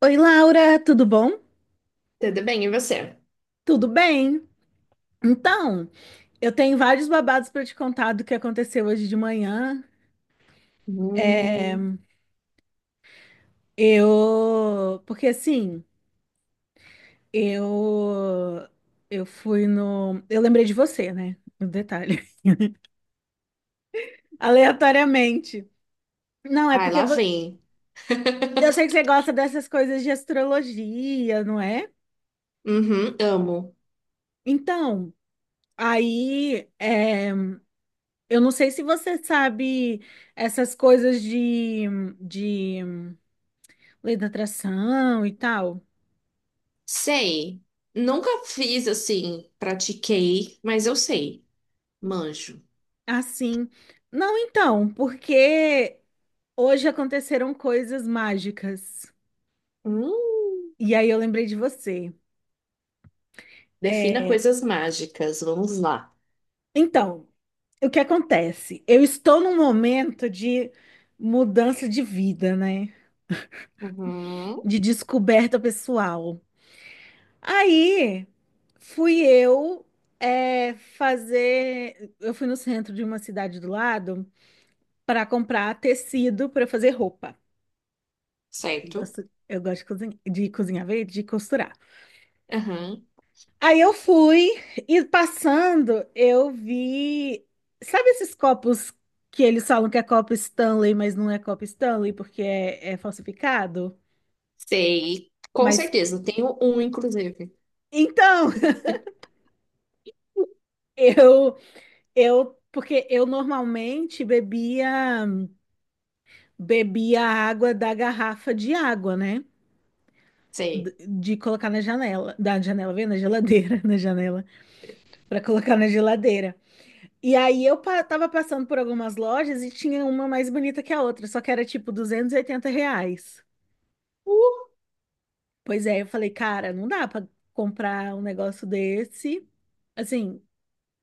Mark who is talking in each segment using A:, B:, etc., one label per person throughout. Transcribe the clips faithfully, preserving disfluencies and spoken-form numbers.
A: Oi, Laura, tudo bom?
B: Tudo bem, e você?
A: Tudo bem? Então, eu tenho vários babados para te contar do que aconteceu hoje de manhã. É,
B: Hum,
A: eu, porque assim, eu eu fui no, eu lembrei de você, né? Um detalhe. Aleatoriamente. Não, é
B: vai,
A: porque
B: lá
A: vo-
B: vem.
A: eu sei que você gosta dessas coisas de astrologia, não é?
B: Uhum, amo.
A: Então, aí, é, eu não sei se você sabe essas coisas de de lei da atração e tal.
B: Sei. Nunca fiz assim, pratiquei, mas eu sei. Manjo.
A: Assim. Não, então, porque hoje aconteceram coisas mágicas.
B: Hum,
A: E aí eu lembrei de você.
B: defina
A: É,
B: coisas mágicas, vamos lá.
A: então, o que acontece? Eu estou num momento de mudança de vida, né?
B: Uhum,
A: De descoberta pessoal. Aí fui eu, é, fazer. Eu fui no centro de uma cidade do lado para comprar tecido para fazer roupa. Eu
B: certo.
A: gosto, eu gosto de cozinhar, de cozinhar, vê, de costurar.
B: Uhum,
A: Aí eu fui e, passando, eu vi. Sabe esses copos que eles falam que é copo Stanley, mas não é copo Stanley porque é, é falsificado?
B: sei. Com
A: Mas
B: certeza, tenho um, inclusive.
A: então, eu, eu, porque eu normalmente bebia, bebia água da garrafa de água, né? D-
B: Sei.
A: De colocar na janela, da janela, vem na geladeira, na janela, para colocar na geladeira. E aí eu pa- tava passando por algumas lojas e tinha uma mais bonita que a outra, só que era tipo duzentos e oitenta reais. Pois é, eu falei, cara, não dá pra comprar um negócio desse. Assim,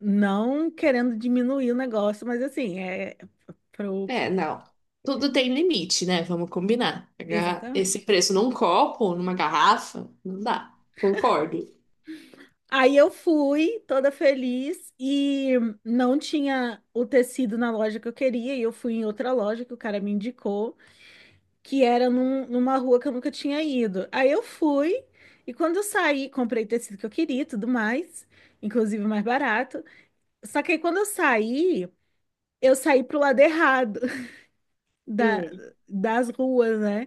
A: não querendo diminuir o negócio, mas assim, é pro.
B: É, não. Tudo tem limite, né? Vamos combinar. Pagar esse
A: Exatamente.
B: preço num copo, numa garrafa, não dá. Concordo.
A: Aí eu fui toda feliz e não tinha o tecido na loja que eu queria, e eu fui em outra loja que o cara me indicou, que era num- numa rua que eu nunca tinha ido. Aí eu fui, e quando eu saí, comprei o tecido que eu queria e tudo mais, inclusive o mais barato. Só que aí quando eu saí, eu saí pro lado errado da,
B: Hum.
A: das ruas, né?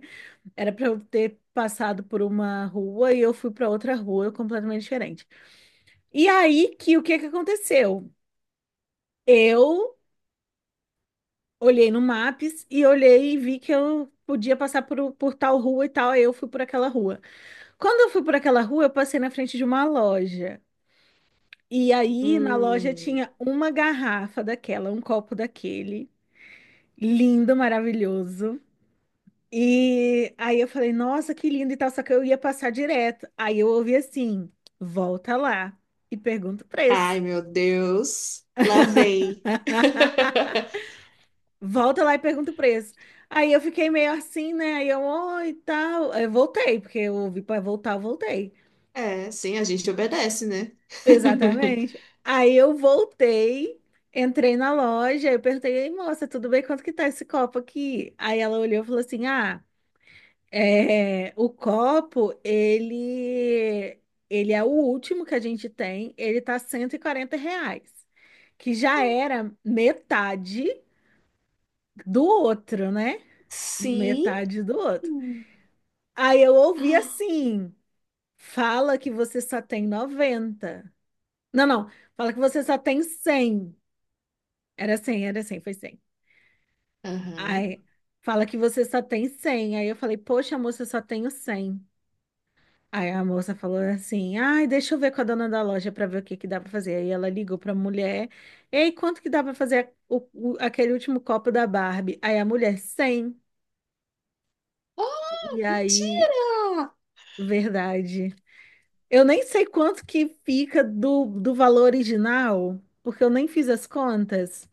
A: Era pra eu ter passado por uma rua e eu fui pra outra rua completamente diferente. E aí, que o que que aconteceu? Eu olhei no Maps e olhei e vi que eu podia passar por, por tal rua e tal, aí eu fui por aquela rua. Quando eu fui por aquela rua, eu passei na frente de uma loja. E aí, na loja
B: Hum.
A: tinha uma garrafa daquela, um copo daquele, lindo, maravilhoso. E aí eu falei, nossa, que lindo e tal, só que eu ia passar direto. Aí eu ouvi assim: volta lá e pergunta o preço.
B: Ai, meu Deus. Lá vem.
A: Volta lá e pergunta o preço. Aí eu fiquei meio assim, né? Aí eu, oi, e tal. Aí eu voltei, porque eu ouvi para voltar, eu voltei.
B: É, sim, a gente obedece, né?
A: Exatamente. Aí eu voltei, entrei na loja, eu perguntei, ei, moça, tudo bem? Quanto que tá esse copo aqui? Aí ela olhou e falou assim: ah, é, o copo, ele, ele é o último que a gente tem, ele tá cento e quarenta reais, que já era metade do outro, né?
B: Sim.
A: Metade do outro. Aí eu ouvi assim: fala que você só tem noventa. Não, não, fala que você só tem cem. Era cem, era cem, foi cem.
B: Aham.
A: Aí, fala que você só tem cem. Aí eu falei, poxa, moça, eu só tenho cem. Aí a moça falou assim, ai, deixa eu ver com a dona da loja para ver o que que dá para fazer. Aí ela ligou para a mulher, ei, quanto que dá para fazer o- o- aquele último copo da Barbie? Aí a mulher, cem.
B: Oh,
A: E aí,
B: mentira!
A: verdade. Eu nem sei quanto que fica do, do valor original, porque eu nem fiz as contas.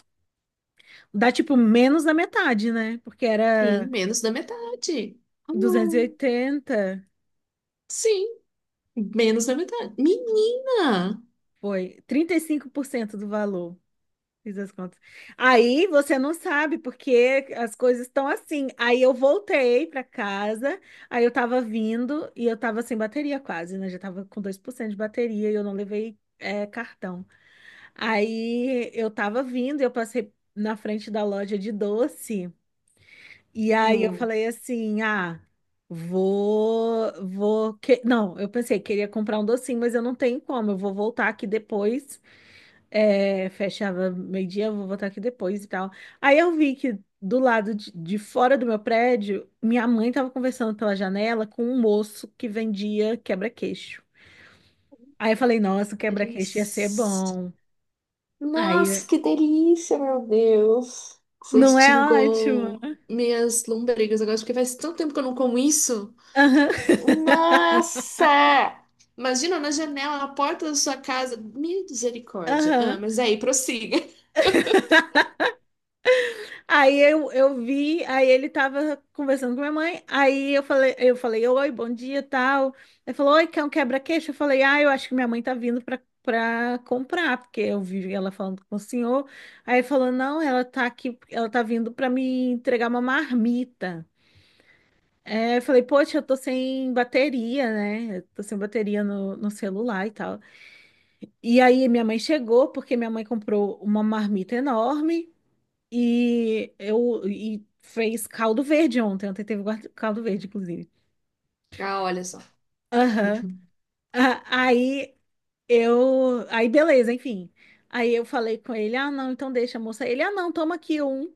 A: Dá tipo menos da metade, né? Porque
B: Sim,
A: era
B: menos da metade. Ah,
A: duzentos e oitenta.
B: sim, menos da metade. Menina!
A: Foi trinta e cinco por cento do valor. Fiz as contas. Aí você não sabe porque as coisas estão assim. Aí eu voltei para casa, aí eu tava vindo e eu tava sem bateria quase, né? Já tava com dois por cento de bateria e eu não levei, é, cartão. Aí eu tava vindo e eu passei na frente da loja de doce e aí eu
B: Hum,
A: falei assim: "Ah, Vou, vou, que, não, eu pensei, queria comprar um docinho, mas eu não tenho como, eu vou voltar aqui depois, é, fechava meio-dia, eu vou voltar aqui depois e tal." Aí eu vi que do lado de, de fora do meu prédio, minha mãe tava conversando pela janela com um moço que vendia quebra-queixo. Aí eu falei, nossa, o quebra-queixo ia ser
B: eles.
A: bom.
B: Nossa,
A: Aí,
B: que delícia, meu Deus. Você
A: não é ótimo?
B: extingou minhas lombrigas agora, porque faz tanto tempo que eu não como isso.
A: Aham.
B: Nossa! Imagina na janela, na porta da sua casa. Misericórdia.
A: Aham.
B: Ah, mas é aí, prossiga.
A: Aí eu, eu vi, aí ele tava conversando com minha mãe, aí eu falei, eu falei, oi, bom dia, tal. Ele falou, oi, quer um quebra-queixo? Eu falei, ah, eu acho que minha mãe tá vindo pra, pra comprar, porque eu vi ela falando com o senhor. Aí ele falou, não, ela tá aqui, ela tá vindo pra me entregar uma marmita. É, eu falei, poxa, eu tô sem bateria, né? Eu tô sem bateria no, no celular e tal. E aí minha mãe chegou, porque minha mãe comprou uma marmita enorme. E eu e fez caldo verde ontem. Ontem teve guarda- caldo verde, inclusive.
B: Ah, olha só.
A: Aham. Ah, aí eu. Aí beleza, enfim. Aí eu falei com ele: ah, não, então deixa, moça. Ele: ah, não, toma aqui um.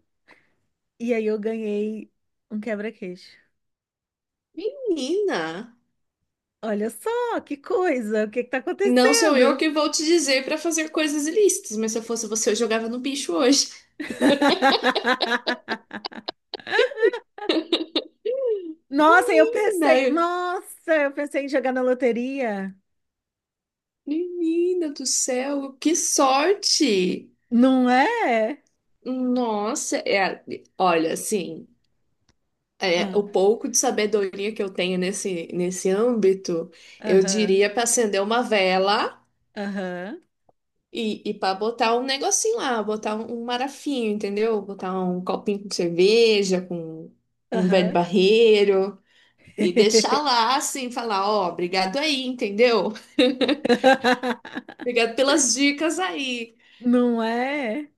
A: E aí eu ganhei um quebra-queixo.
B: Menina,
A: Olha só, que coisa, o que que tá
B: não sou eu
A: acontecendo?
B: que vou te dizer pra fazer coisas ilícitas, mas se eu fosse você, eu jogava no bicho hoje.
A: Nossa, eu
B: Menina,
A: pensei,
B: eu-
A: nossa, eu pensei em jogar na loteria.
B: menina do céu, que sorte!
A: Não é?
B: Nossa, é, olha, assim. É,
A: Ah,
B: o pouco de sabedoria que eu tenho nesse, nesse âmbito, eu
A: aham,
B: diria para acender uma vela
A: aham,
B: e, e para botar um negocinho lá, botar um, um marafinho, entendeu? Botar um copinho com cerveja, com um velho
A: aham.
B: barreiro e deixar lá assim, falar: "Ó, obrigado aí", entendeu? Obrigado pelas dicas aí.
A: Não é?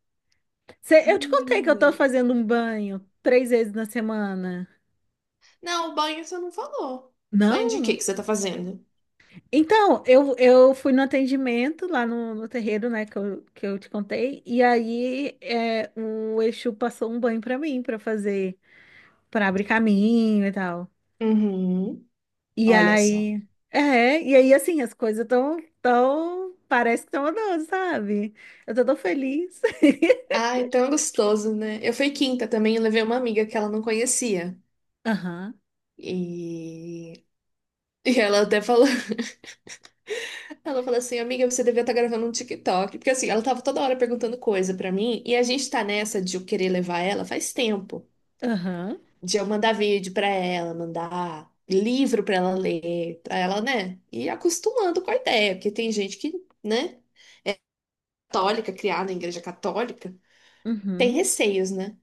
A: Cê- eu te contei que eu
B: Menina.
A: tô fazendo um banho três vezes na semana.
B: Não, o banho você não falou. Banho de quê
A: Não?
B: que você tá fazendo?
A: Então, eu, eu fui no atendimento lá no, no terreiro, né, que eu, que eu te contei, e aí, é, o Exu passou um banho pra mim, pra fazer, pra abrir caminho e tal.
B: Uhum.
A: E
B: Olha só.
A: aí, é, e aí assim, as coisas tão, tão, parece que tão andando, sabe? Eu tô tão feliz.
B: Ai, tão gostoso, né? Eu fui quinta também, eu levei uma amiga que ela não conhecia.
A: Aham,
B: E, e ela até falou, ela falou assim, amiga, você devia estar gravando um tique toque. Porque assim, ela tava toda hora perguntando coisa pra mim, e a gente tá nessa de eu querer levar ela faz tempo.
A: aham,
B: De eu mandar vídeo pra ela, mandar livro pra ela ler, pra ela, né? E acostumando com a ideia, porque tem gente que, né, católica, criada em igreja católica, tem
A: uhum,
B: receios, né?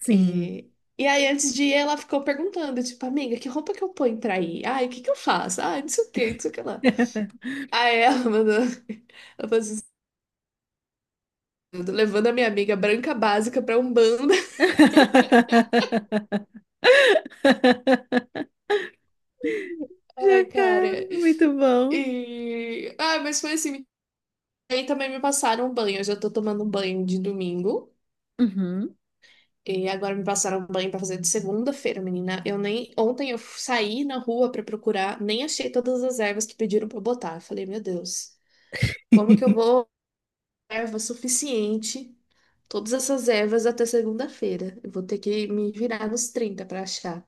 A: sim.
B: E, e aí, antes de ir, ela ficou perguntando, tipo, amiga, que roupa que eu ponho pra ir? Ai, o que que eu faço? Ai, não sei o que, não sei o que lá. Aí ela mandou, ela falou assim: "Tô levando a minha amiga branca básica pra Umbanda". Ai, cara.
A: Jacaré, muito bom.
B: E... Ah, mas foi assim, aí também me passaram um banho, eu já tô tomando um banho de domingo.
A: Uhum.
B: E agora me passaram um banho pra fazer de segunda-feira, menina. Eu nem ontem eu saí na rua pra procurar, nem achei todas as ervas que pediram pra eu botar. Eu falei, meu Deus, como que eu vou erva suficiente, todas essas ervas até segunda-feira. Eu vou ter que me virar nos trinta para achar.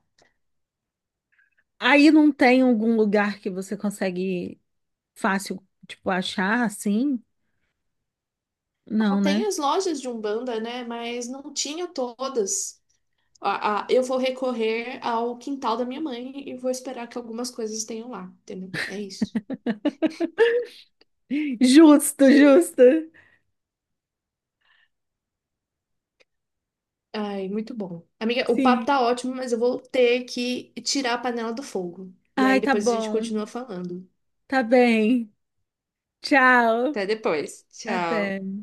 A: Aí não tem algum lugar que você consegue fácil, tipo, achar assim?
B: Ah,
A: Não,
B: tem
A: né?
B: as lojas de Umbanda, né? Mas não tinha todas. Ah, ah, eu vou recorrer ao quintal da minha mãe e vou esperar que algumas coisas tenham lá, entendeu? É isso.
A: Justo, justo.
B: Ai, muito bom. Amiga, o papo
A: Sim.
B: tá ótimo, mas eu vou ter que tirar a panela do fogo. E aí
A: Ai, tá
B: depois a gente
A: bom.
B: continua falando.
A: Tá bem. Tchau.
B: Até depois. Tchau.
A: Até.